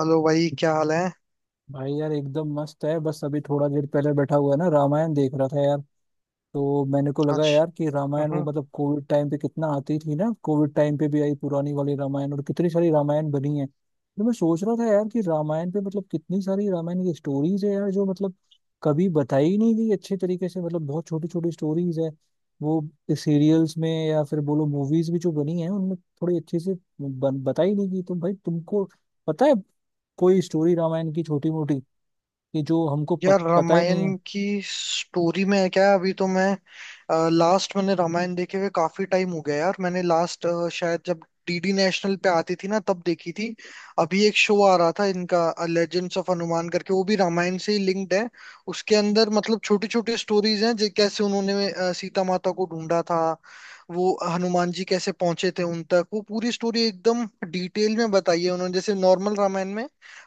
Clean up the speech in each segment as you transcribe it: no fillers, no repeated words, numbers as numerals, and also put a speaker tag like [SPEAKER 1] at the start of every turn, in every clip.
[SPEAKER 1] Hello भाई, क्या हाल है।
[SPEAKER 2] भाई यार एकदम मस्त है। बस अभी थोड़ा देर पहले बैठा हुआ है ना, रामायण देख रहा था यार। तो मैंने को लगा
[SPEAKER 1] आज।
[SPEAKER 2] यार कि रामायण वो
[SPEAKER 1] हम्म।
[SPEAKER 2] मतलब कोविड टाइम पे कितना आती थी ना, कोविड टाइम पे भी आई पुरानी वाली रामायण, और कितनी सारी रामायण बनी है। तो मैं सोच रहा था यार कि रामायण पे मतलब कितनी सारी रामायण की स्टोरीज है यार, जो मतलब कभी बताई ही नहीं गई अच्छे तरीके से, मतलब बहुत छोटी छोटी स्टोरीज है वो सीरियल्स में या फिर बोलो मूवीज भी जो बनी है उनमें थोड़ी अच्छे से बताई नहीं गई। तो भाई तुमको पता है कोई स्टोरी रामायण की छोटी मोटी, कि जो हमको
[SPEAKER 1] यार,
[SPEAKER 2] पता ही
[SPEAKER 1] रामायण
[SPEAKER 2] नहीं है।
[SPEAKER 1] की स्टोरी में है क्या? अभी तो मैं लास्ट मैंने रामायण देखे हुए काफी टाइम हो गया यार। मैंने लास्ट शायद जब डीडी नेशनल पे आती थी ना तब देखी थी। अभी एक शो आ रहा था इनका, लेजेंड्स ऑफ हनुमान करके, वो भी रामायण से ही लिंक्ड है। उसके अंदर मतलब छोटी छोटी स्टोरीज हैं कैसे उन्होंने सीता माता को ढूंढा था, वो हनुमान जी कैसे पहुंचे थे उन तक। वो पूरी स्टोरी एकदम डिटेल में बताई है उन्होंने। जैसे नॉर्मल रामायण में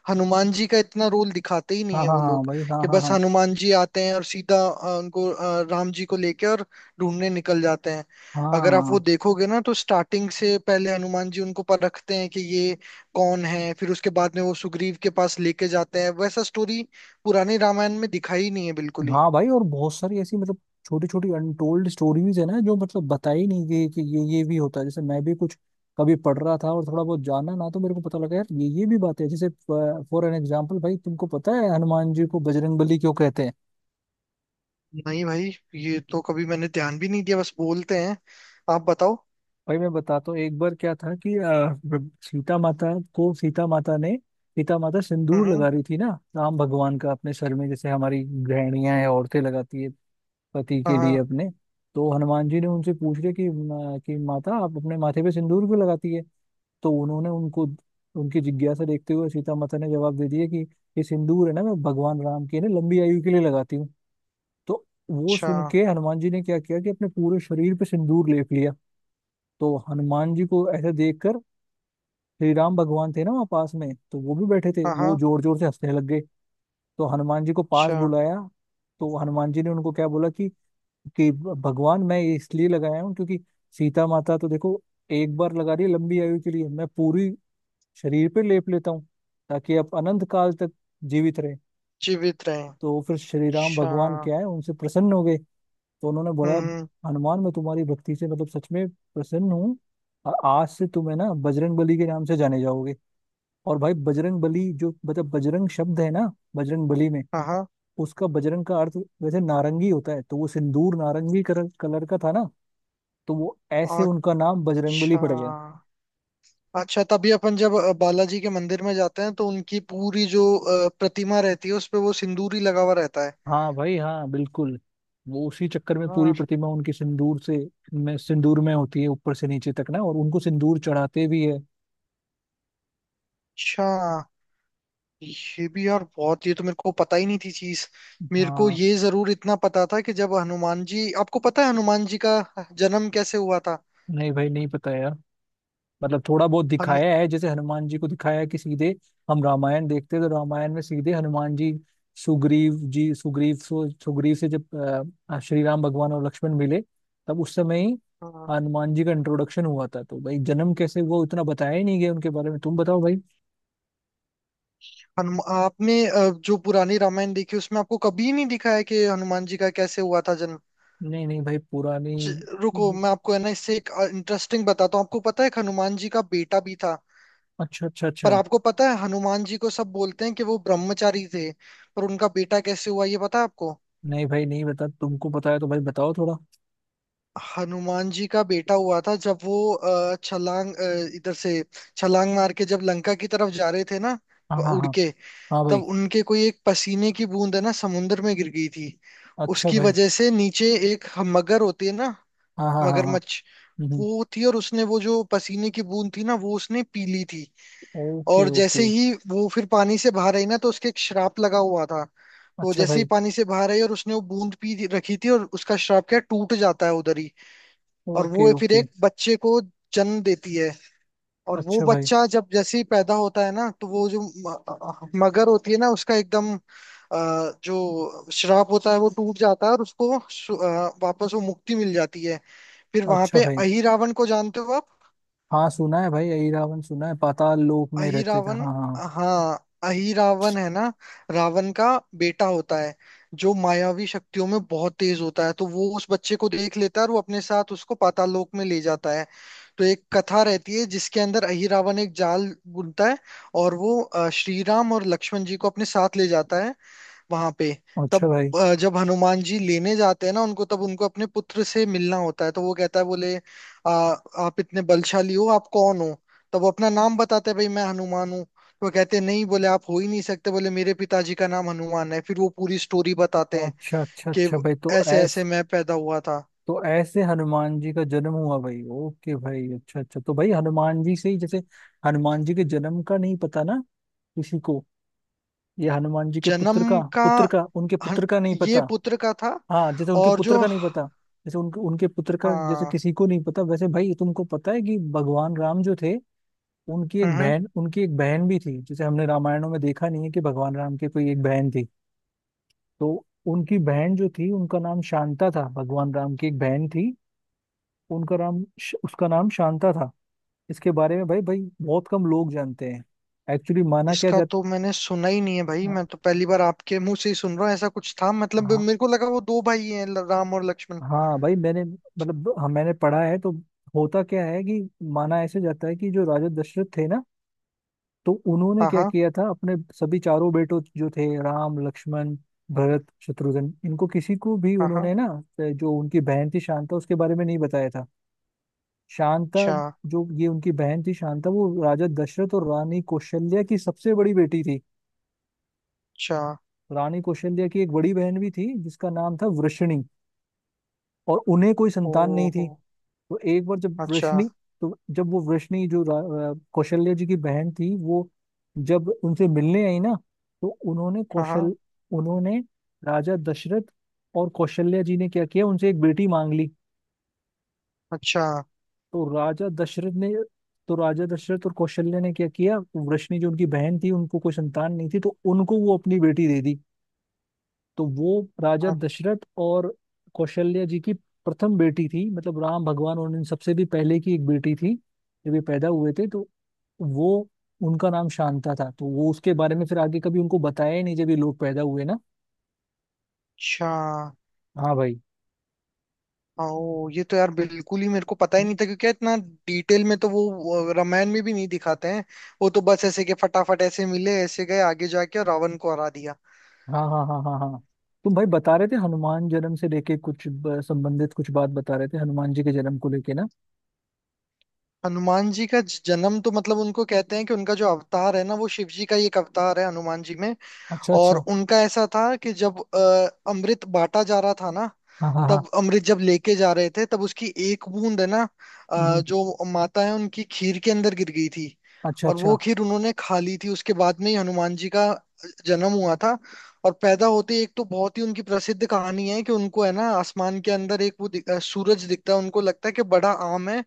[SPEAKER 1] हनुमान जी का इतना रोल दिखाते ही नहीं
[SPEAKER 2] हाँ
[SPEAKER 1] है
[SPEAKER 2] हाँ
[SPEAKER 1] वो
[SPEAKER 2] हाँ
[SPEAKER 1] लोग,
[SPEAKER 2] भाई हाँ
[SPEAKER 1] कि
[SPEAKER 2] हाँ
[SPEAKER 1] बस
[SPEAKER 2] हाँ।
[SPEAKER 1] हनुमान जी आते हैं और सीधा उनको राम जी को लेके और ढूंढने निकल जाते हैं। अगर आप वो
[SPEAKER 2] हाँ
[SPEAKER 1] देखोगे ना तो स्टार्टिंग से पहले हनुमान जी उनको परखते हैं कि ये कौन है, फिर उसके बाद में वो सुग्रीव के पास लेके जाते हैं। वैसा स्टोरी पुरानी रामायण में दिखाई ही नहीं है बिल्कुल ही।
[SPEAKER 2] हाँ भाई, और बहुत सारी ऐसी मतलब छोटी छोटी अनटोल्ड स्टोरीज है ना जो मतलब बताई नहीं गई कि ये भी होता है। जैसे मैं भी कुछ कभी पढ़ रहा था और थोड़ा बहुत जाना ना, तो मेरे को पता लगा यार ये भी बात है। जैसे फॉर एन एग्जाम्पल, भाई तुमको पता है हनुमान जी को बजरंगबली क्यों कहते हैं?
[SPEAKER 1] नहीं भाई, ये तो कभी मैंने ध्यान भी नहीं दिया, बस बोलते हैं। आप बताओ।
[SPEAKER 2] भाई मैं बताता हूँ। एक बार क्या था कि सीता माता को सीता माता ने सीता माता सिंदूर
[SPEAKER 1] हम्म हम्म।
[SPEAKER 2] लगा रही थी ना राम भगवान का अपने सर में, जैसे हमारी गृहिणियां हैं, औरतें लगाती है पति
[SPEAKER 1] हाँ
[SPEAKER 2] के लिए
[SPEAKER 1] हाँ।
[SPEAKER 2] अपने। तो हनुमान जी ने उनसे पूछ लिया कि कि माता आप अपने माथे पे सिंदूर क्यों लगाती है? तो उन्होंने उनको उनकी जिज्ञासा देखते हुए सीता माता ने जवाब दे दिया कि ये सिंदूर है ना, मैं भगवान राम की ना लंबी आयु के लिए लगाती हूँ। तो वो
[SPEAKER 1] अच्छा।
[SPEAKER 2] सुन के हनुमान जी ने क्या किया कि अपने पूरे शरीर पे सिंदूर लेप लिया। तो हनुमान जी को ऐसे देखकर श्री राम भगवान थे ना वहाँ पास में, तो वो भी बैठे थे,
[SPEAKER 1] हाँ
[SPEAKER 2] वो
[SPEAKER 1] हाँ।
[SPEAKER 2] जोर जोर से हंसने लग गए। तो हनुमान जी को पास
[SPEAKER 1] अच्छा।
[SPEAKER 2] बुलाया। तो हनुमान जी ने उनको क्या बोला कि भगवान मैं ये इसलिए लगाया हूँ क्योंकि सीता माता तो देखो एक बार लगा रही है लंबी आयु के लिए, मैं पूरी शरीर पे लेप लेता हूँ ताकि आप अनंत काल तक जीवित रहे।
[SPEAKER 1] जीवित रहे।
[SPEAKER 2] तो फिर श्री राम
[SPEAKER 1] अच्छा।
[SPEAKER 2] भगवान क्या है उनसे प्रसन्न हो गए। तो उन्होंने बोला,
[SPEAKER 1] हम्म।
[SPEAKER 2] हनुमान मैं तुम्हारी भक्ति से मतलब सच में प्रसन्न हूँ, और आज से तुम्हें ना बजरंग बली के नाम से जाने जाओगे। और भाई बजरंग बली जो मतलब बजरंग शब्द है ना बजरंग बली में,
[SPEAKER 1] हाँ हाँ।
[SPEAKER 2] उसका बजरंग का अर्थ वैसे नारंगी होता है। तो वो सिंदूर नारंगी कलर कलर का था ना, तो वो ऐसे उनका नाम बजरंगबली
[SPEAKER 1] अच्छा
[SPEAKER 2] पड़ गया।
[SPEAKER 1] अच्छा, तभी अपन जब बालाजी के मंदिर में जाते हैं तो उनकी पूरी जो प्रतिमा रहती है उस पे वो सिंदूरी लगा हुआ रहता है।
[SPEAKER 2] हाँ भाई हाँ बिल्कुल। वो उसी चक्कर में पूरी
[SPEAKER 1] हाँ।
[SPEAKER 2] प्रतिमा उनकी सिंदूर से में सिंदूर में होती है ऊपर से नीचे तक ना, और उनको सिंदूर चढ़ाते भी है।
[SPEAKER 1] अच्छा। ये भी यार, बहुत, ये तो मेरे को पता ही नहीं थी चीज। मेरे को
[SPEAKER 2] हाँ।
[SPEAKER 1] ये जरूर इतना पता था कि जब हनुमान जी आपको पता है हनुमान जी का जन्म कैसे हुआ था?
[SPEAKER 2] नहीं भाई नहीं पता यार। मतलब थोड़ा बहुत
[SPEAKER 1] हनु
[SPEAKER 2] दिखाया है जैसे हनुमान जी को दिखाया है कि सीधे हम रामायण देखते हैं तो रामायण में सीधे हनुमान जी सुग्रीव से जब श्री राम भगवान और लक्ष्मण मिले, तब उस समय ही
[SPEAKER 1] हाँ।
[SPEAKER 2] हनुमान जी का इंट्रोडक्शन हुआ था। तो भाई जन्म कैसे वो इतना बताया ही नहीं गया उनके बारे में। तुम बताओ भाई।
[SPEAKER 1] हनुम आपने जो पुरानी रामायण देखी उसमें आपको कभी नहीं दिखा है कि हनुमान जी का कैसे हुआ था जन्म?
[SPEAKER 2] नहीं नहीं भाई पुरानी।
[SPEAKER 1] च- रुको, मैं आपको है ना इससे एक इंटरेस्टिंग बताता हूँ। आपको पता है कि हनुमान जी का बेटा भी था?
[SPEAKER 2] अच्छा अच्छा
[SPEAKER 1] पर
[SPEAKER 2] अच्छा।
[SPEAKER 1] आपको पता है, हनुमान जी को सब बोलते हैं कि वो ब्रह्मचारी थे, पर उनका बेटा कैसे हुआ ये पता है आपको?
[SPEAKER 2] नहीं भाई नहीं बता, तुमको पता है तो भाई बताओ थोड़ा।
[SPEAKER 1] हनुमान जी का बेटा हुआ था जब वो इधर से छलांग मार के जब लंका की तरफ जा रहे थे ना,
[SPEAKER 2] हाँ हाँ
[SPEAKER 1] उड़
[SPEAKER 2] हाँ
[SPEAKER 1] के।
[SPEAKER 2] हाँ भाई।
[SPEAKER 1] तब उनके कोई एक पसीने की बूंद है ना समुन्द्र में गिर गई थी।
[SPEAKER 2] अच्छा
[SPEAKER 1] उसकी
[SPEAKER 2] भाई।
[SPEAKER 1] वजह से नीचे एक मगर होती है ना,
[SPEAKER 2] हाँ हाँ हाँ हाँ।
[SPEAKER 1] मगरमच्छ,
[SPEAKER 2] हम्म।
[SPEAKER 1] वो थी, और उसने वो जो पसीने की बूंद थी ना वो उसने पी ली थी।
[SPEAKER 2] ओके
[SPEAKER 1] और जैसे
[SPEAKER 2] ओके।
[SPEAKER 1] ही वो फिर पानी से बाहर आई ना, तो उसके एक श्राप लगा हुआ था। तो
[SPEAKER 2] अच्छा
[SPEAKER 1] जैसे ही
[SPEAKER 2] भाई।
[SPEAKER 1] पानी से बाहर आई और उसने वो बूंद रखी थी, और उसका श्राप क्या है, टूट जाता है उधर ही। और
[SPEAKER 2] ओके
[SPEAKER 1] वो फिर
[SPEAKER 2] ओके।
[SPEAKER 1] एक बच्चे को जन्म देती है। और वो
[SPEAKER 2] अच्छा भाई।
[SPEAKER 1] बच्चा जब जैसे ही पैदा होता है ना तो वो जो मगर होती है ना, उसका एकदम अ, जो श्राप होता है वो टूट जाता है, और उसको वापस वो मुक्ति मिल जाती है। फिर वहां
[SPEAKER 2] अच्छा
[SPEAKER 1] पे
[SPEAKER 2] भाई।
[SPEAKER 1] अहिरावण को जानते हो आप?
[SPEAKER 2] हाँ सुना है भाई, यही रावण सुना है पाताल लोक में
[SPEAKER 1] अही
[SPEAKER 2] रहते थे,
[SPEAKER 1] रावण।
[SPEAKER 2] हाँ हाँ।
[SPEAKER 1] हाँ, अही रावण है ना, रावण का बेटा होता है जो मायावी शक्तियों में बहुत तेज होता है। तो वो उस बच्चे को देख लेता है और वो अपने साथ उसको पाताल लोक में ले जाता है। तो एक कथा रहती है जिसके अंदर अही रावण एक जाल बुनता है, और वो श्री राम और लक्ष्मण जी को अपने साथ ले जाता है वहां पे।
[SPEAKER 2] अच्छा
[SPEAKER 1] तब
[SPEAKER 2] भाई।
[SPEAKER 1] जब हनुमान जी लेने जाते हैं ना उनको, तब उनको अपने पुत्र से मिलना होता है। तो वो कहता है, बोले, आप इतने बलशाली हो, आप कौन हो? तब वो अपना नाम बताते हैं, भाई मैं हनुमान हूँ। तो वो कहते हैं नहीं, बोले आप हो ही नहीं सकते, बोले मेरे पिताजी का नाम हनुमान है। फिर वो पूरी स्टोरी बताते हैं
[SPEAKER 2] अच्छा अच्छा
[SPEAKER 1] कि
[SPEAKER 2] अच्छा भाई तो
[SPEAKER 1] ऐसे ऐसे
[SPEAKER 2] ऐस
[SPEAKER 1] मैं पैदा हुआ था।
[SPEAKER 2] तो ऐसे हनुमान जी का जन्म हुआ भाई। ओके भाई। अच्छा अच्छा। तो भाई हनुमान जी से ही जैसे हनुमान जी के जन्म का नहीं पता ना किसी को। ये हनुमान जी के
[SPEAKER 1] जन्म का।
[SPEAKER 2] पुत्र का उनके
[SPEAKER 1] हन-
[SPEAKER 2] पुत्र का नहीं
[SPEAKER 1] ये
[SPEAKER 2] पता।
[SPEAKER 1] पुत्र का था।
[SPEAKER 2] हाँ जैसे उनके
[SPEAKER 1] और
[SPEAKER 2] पुत्र
[SPEAKER 1] जो।
[SPEAKER 2] का नहीं पता। जैसे उनके उनके पुत्र का जैसे
[SPEAKER 1] हाँ।
[SPEAKER 2] किसी को नहीं पता, वैसे भाई तुमको पता है कि भगवान राम जो थे
[SPEAKER 1] हम्म।
[SPEAKER 2] उनकी एक बहन भी थी जिसे हमने रामायणों में देखा नहीं है कि भगवान राम की कोई एक बहन थी। तो उनकी बहन जो थी उनका नाम शांता था, भगवान राम की एक बहन थी, उनका नाम उसका नाम शांता था। इसके बारे में भाई भाई बहुत कम लोग जानते हैं। एक्चुअली माना क्या
[SPEAKER 1] इसका
[SPEAKER 2] जाता,
[SPEAKER 1] तो मैंने सुना ही नहीं है भाई, मैं तो पहली बार आपके मुंह से ही सुन रहा हूँ। ऐसा कुछ था मतलब,
[SPEAKER 2] हाँ
[SPEAKER 1] मेरे को लगा वो दो भाई हैं, राम और लक्ष्मण।
[SPEAKER 2] हाँ भाई मैंने मतलब हाँ, मैंने पढ़ा है। तो होता क्या है कि माना ऐसे जाता है कि जो राजा दशरथ थे ना, तो उन्होंने
[SPEAKER 1] हाँ
[SPEAKER 2] क्या
[SPEAKER 1] हाँ।
[SPEAKER 2] किया था, अपने सभी चारों बेटों जो थे राम, लक्ष्मण, भरत, शत्रुघ्न, इनको किसी को भी
[SPEAKER 1] हाँ हाँ।
[SPEAKER 2] उन्होंने ना जो उनकी बहन थी शांता उसके बारे में नहीं बताया था। शांता,
[SPEAKER 1] अच्छा
[SPEAKER 2] जो ये उनकी बहन थी शांता, वो राजा दशरथ और रानी कौशल्या की सबसे बड़ी बेटी थी।
[SPEAKER 1] अच्छा।
[SPEAKER 2] रानी कौशल्या की एक बड़ी बहन भी थी जिसका नाम था वृषणी, और उन्हें कोई
[SPEAKER 1] ओ
[SPEAKER 2] संतान नहीं थी। तो एक बार जब
[SPEAKER 1] अच्छा।
[SPEAKER 2] वृष्णि तो जब वो वृष्णि जो कौशल्य जी की बहन थी, वो जब उनसे मिलने आई ना, तो
[SPEAKER 1] हाँ हाँ।
[SPEAKER 2] उन्होंने राजा दशरथ और कौशल्य जी ने क्या किया उनसे एक बेटी मांग ली।
[SPEAKER 1] अच्छा
[SPEAKER 2] तो राजा दशरथ ने तो राजा दशरथ और कौशल्य ने क्या किया, वृष्णि जो उनकी बहन थी उनको कोई संतान नहीं थी, तो उनको वो अपनी बेटी दे दी। तो वो राजा दशरथ और कौशल्या जी की प्रथम बेटी थी, मतलब राम भगवान और इन सबसे भी पहले की एक बेटी थी। जब ये पैदा हुए थे तो वो उनका नाम शांता था। तो वो उसके बारे में फिर आगे कभी उनको बताया ही नहीं जब ये लोग पैदा हुए ना।
[SPEAKER 1] अच्छा।
[SPEAKER 2] हाँ भाई।
[SPEAKER 1] ओ, ये तो यार बिल्कुल ही मेरे को पता ही नहीं था, क्योंकि इतना डिटेल में तो वो रामायण में भी नहीं दिखाते हैं। वो तो बस ऐसे के फटाफट ऐसे मिले, ऐसे गए आगे जाके और रावण को हरा दिया।
[SPEAKER 2] हाँ हाँ हाँ हाँ हाँ। तुम भाई बता रहे थे हनुमान जन्म से लेके कुछ संबंधित कुछ बात बता रहे थे हनुमान जी के जन्म को लेके ना।
[SPEAKER 1] हनुमान जी का जन्म तो मतलब उनको कहते हैं कि उनका जो अवतार है ना वो शिव जी का ही एक अवतार है हनुमान जी में।
[SPEAKER 2] अच्छा
[SPEAKER 1] और
[SPEAKER 2] अच्छा।
[SPEAKER 1] उनका ऐसा था कि जब अमृत बांटा जा रहा था ना,
[SPEAKER 2] हाँ हाँ हाँ।
[SPEAKER 1] तब अमृत जब लेके जा रहे थे तब उसकी एक बूंद है ना
[SPEAKER 2] हम्म।
[SPEAKER 1] जो माता है उनकी खीर के अंदर गिर गई थी।
[SPEAKER 2] अच्छा
[SPEAKER 1] और
[SPEAKER 2] अच्छा
[SPEAKER 1] वो खीर उन्होंने खा ली थी, उसके बाद में ही हनुमान जी का जन्म हुआ था। और पैदा होते ही, एक तो बहुत ही उनकी प्रसिद्ध कहानी है कि उनको है ना आसमान के अंदर एक वो सूरज दिखता है, उनको लगता है कि बड़ा आम है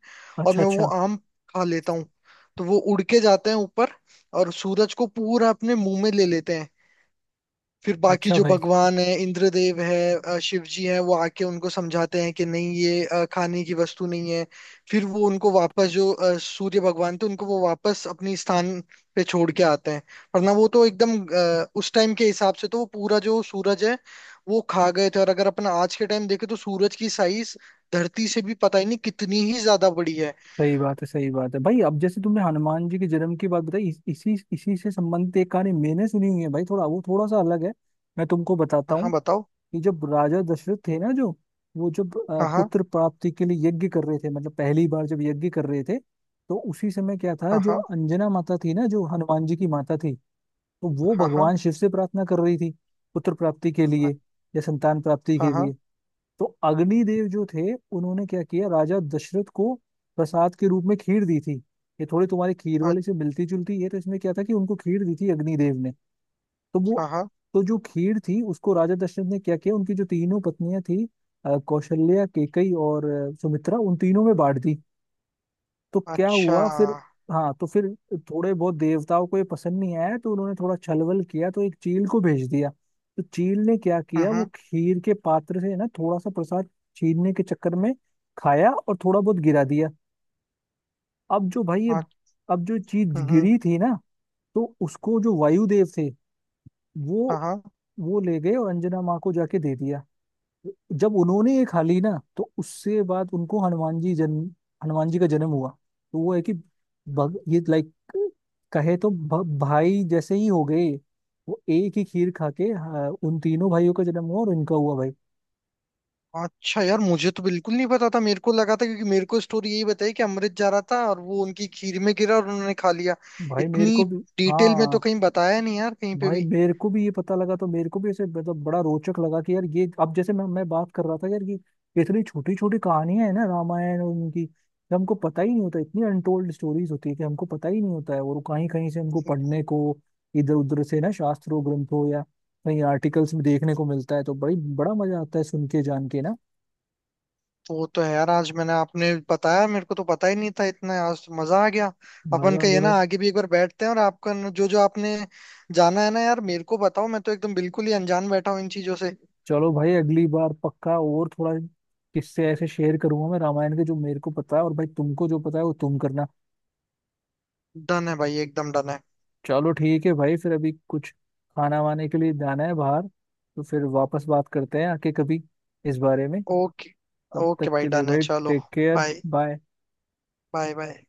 [SPEAKER 1] और
[SPEAKER 2] अच्छा।
[SPEAKER 1] मैं वो
[SPEAKER 2] अच्छा।
[SPEAKER 1] आम खा लेता हूँ। तो वो उड़ के जाते हैं ऊपर और सूरज को पूरा अपने मुंह में ले लेते हैं। फिर बाकी
[SPEAKER 2] अच्छा
[SPEAKER 1] जो
[SPEAKER 2] भाई।
[SPEAKER 1] भगवान है, इंद्रदेव है, शिव जी हैं, वो आके उनको समझाते हैं कि नहीं, ये खाने की वस्तु नहीं है। फिर वो उनको वापस जो सूर्य भगवान थे उनको वो वापस अपनी स्थान पे छोड़ के आते हैं। वरना वो तो एकदम उस टाइम के हिसाब से तो वो पूरा जो सूरज है वो खा गए थे। और अगर अपन आज के टाइम देखें तो सूरज की साइज धरती से भी पता ही नहीं कितनी ही ज्यादा बड़ी है।
[SPEAKER 2] सही बात है भाई। अब जैसे तुमने हनुमान जी के जन्म की बात बताई, इसी इसी से संबंधित एक कहानी मैंने सुनी हुई है भाई, थोड़ा वो थोड़ा सा अलग है। मैं तुमको बताता
[SPEAKER 1] हाँ हाँ,
[SPEAKER 2] हूँ
[SPEAKER 1] बताओ।
[SPEAKER 2] कि जब राजा दशरथ थे ना जो, वो जब
[SPEAKER 1] हाँ हाँ
[SPEAKER 2] पुत्र प्राप्ति के लिए यज्ञ कर रहे थे, मतलब पहली बार जब यज्ञ कर रहे थे, तो उसी समय क्या था, जो
[SPEAKER 1] हाँ।
[SPEAKER 2] अंजना माता थी ना जो हनुमान जी की माता थी, तो वो
[SPEAKER 1] हाँ हाँ
[SPEAKER 2] भगवान शिव से प्रार्थना कर रही थी पुत्र प्राप्ति के लिए या संतान प्राप्ति
[SPEAKER 1] हाँ।
[SPEAKER 2] के
[SPEAKER 1] हाँ
[SPEAKER 2] लिए। तो अग्निदेव जो थे उन्होंने क्या किया, राजा दशरथ को प्रसाद के रूप में खीर दी थी। ये थोड़ी तुम्हारी खीर
[SPEAKER 1] हाँ
[SPEAKER 2] वाली से मिलती जुलती है, तो इसमें क्या था कि उनको खीर दी थी अग्निदेव ने। तो
[SPEAKER 1] हाँ
[SPEAKER 2] वो,
[SPEAKER 1] हाँ।
[SPEAKER 2] तो जो खीर थी उसको राजा दशरथ ने क्या किया, उनकी जो तीनों पत्नियां थी कौशल्या, केकई और सुमित्रा, उन तीनों में बांट दी। तो क्या
[SPEAKER 1] अच्छा।
[SPEAKER 2] हुआ फिर? हाँ तो फिर थोड़े बहुत देवताओं को ये पसंद नहीं आया, तो उन्होंने थोड़ा छलबल किया, तो एक चील को भेज दिया। तो चील ने क्या
[SPEAKER 1] हम्म
[SPEAKER 2] किया, वो
[SPEAKER 1] हम्म
[SPEAKER 2] खीर के पात्र से ना थोड़ा सा प्रसाद छीनने के चक्कर में खाया और थोड़ा बहुत गिरा दिया। अब जो भाई ये, अब जो चीज
[SPEAKER 1] हम्म।
[SPEAKER 2] गिरी थी ना, तो उसको जो वायुदेव थे,
[SPEAKER 1] हाँ
[SPEAKER 2] वो
[SPEAKER 1] हाँ।
[SPEAKER 2] वो ले गए और अंजना माँ को जाके दे दिया। जब उन्होंने ये खा ली ना, तो उससे बाद उनको हनुमान जी का जन्म हुआ। तो वो है कि ये लाइक कहे तो भाई जैसे ही हो गए। वो एक ही खीर खा के हाँ, उन तीनों भाइयों का जन्म हुआ और इनका हुआ भाई।
[SPEAKER 1] अच्छा। यार, मुझे तो बिल्कुल नहीं पता था, मेरे को लगा था, क्योंकि मेरे को स्टोरी यही बताई कि अमृत जा रहा था और वो उनकी खीर में गिरा और उन्होंने खा लिया।
[SPEAKER 2] भाई मेरे
[SPEAKER 1] इतनी
[SPEAKER 2] को भी
[SPEAKER 1] डिटेल में तो
[SPEAKER 2] हाँ।
[SPEAKER 1] कहीं बताया नहीं यार, कहीं पे
[SPEAKER 2] भाई
[SPEAKER 1] भी।
[SPEAKER 2] मेरे को भी ये पता लगा, तो मेरे को भी ऐसे मतलब बड़ा रोचक लगा कि यार ये, अब जैसे मैं बात कर रहा था यार कि इतनी छोटी छोटी कहानियां है ना रामायण और उनकी, कि हमको पता ही नहीं होता, इतनी अनटोल्ड स्टोरीज होती है कि हमको पता ही नहीं होता है, और कहीं कहीं से हमको पढ़ने को, इधर उधर से ना, शास्त्रों, ग्रंथों या कहीं आर्टिकल्स में देखने को मिलता है, तो बड़ी बड़ा मजा आता है सुन के जान के ना।
[SPEAKER 1] वो तो है यार, आज मैंने आपने बताया, मेरे को तो पता ही नहीं था इतना, आज तो मजा आ गया। अपन
[SPEAKER 2] मजा आ
[SPEAKER 1] का
[SPEAKER 2] गया
[SPEAKER 1] ये ना
[SPEAKER 2] भाई।
[SPEAKER 1] आगे भी एक बार बैठते हैं और आपका जो जो आपने जाना है ना यार मेरे को बताओ। मैं तो एकदम बिल्कुल ही अनजान बैठा हूँ इन चीजों से।
[SPEAKER 2] चलो भाई, अगली बार पक्का और थोड़ा किससे ऐसे शेयर करूंगा मैं रामायण के जो मेरे को पता है, और भाई तुमको जो पता है वो तुम करना।
[SPEAKER 1] डन है भाई, एकदम डन है।
[SPEAKER 2] चलो ठीक है भाई, फिर अभी कुछ खाना वाने के लिए जाना है बाहर, तो फिर वापस बात करते हैं आके कभी इस बारे में।
[SPEAKER 1] ओके।
[SPEAKER 2] तब
[SPEAKER 1] ओके
[SPEAKER 2] तक
[SPEAKER 1] भाई,
[SPEAKER 2] के लिए
[SPEAKER 1] डन है,
[SPEAKER 2] भाई,
[SPEAKER 1] चलो।
[SPEAKER 2] Take care.
[SPEAKER 1] Bye.
[SPEAKER 2] Bye.
[SPEAKER 1] Bye bye.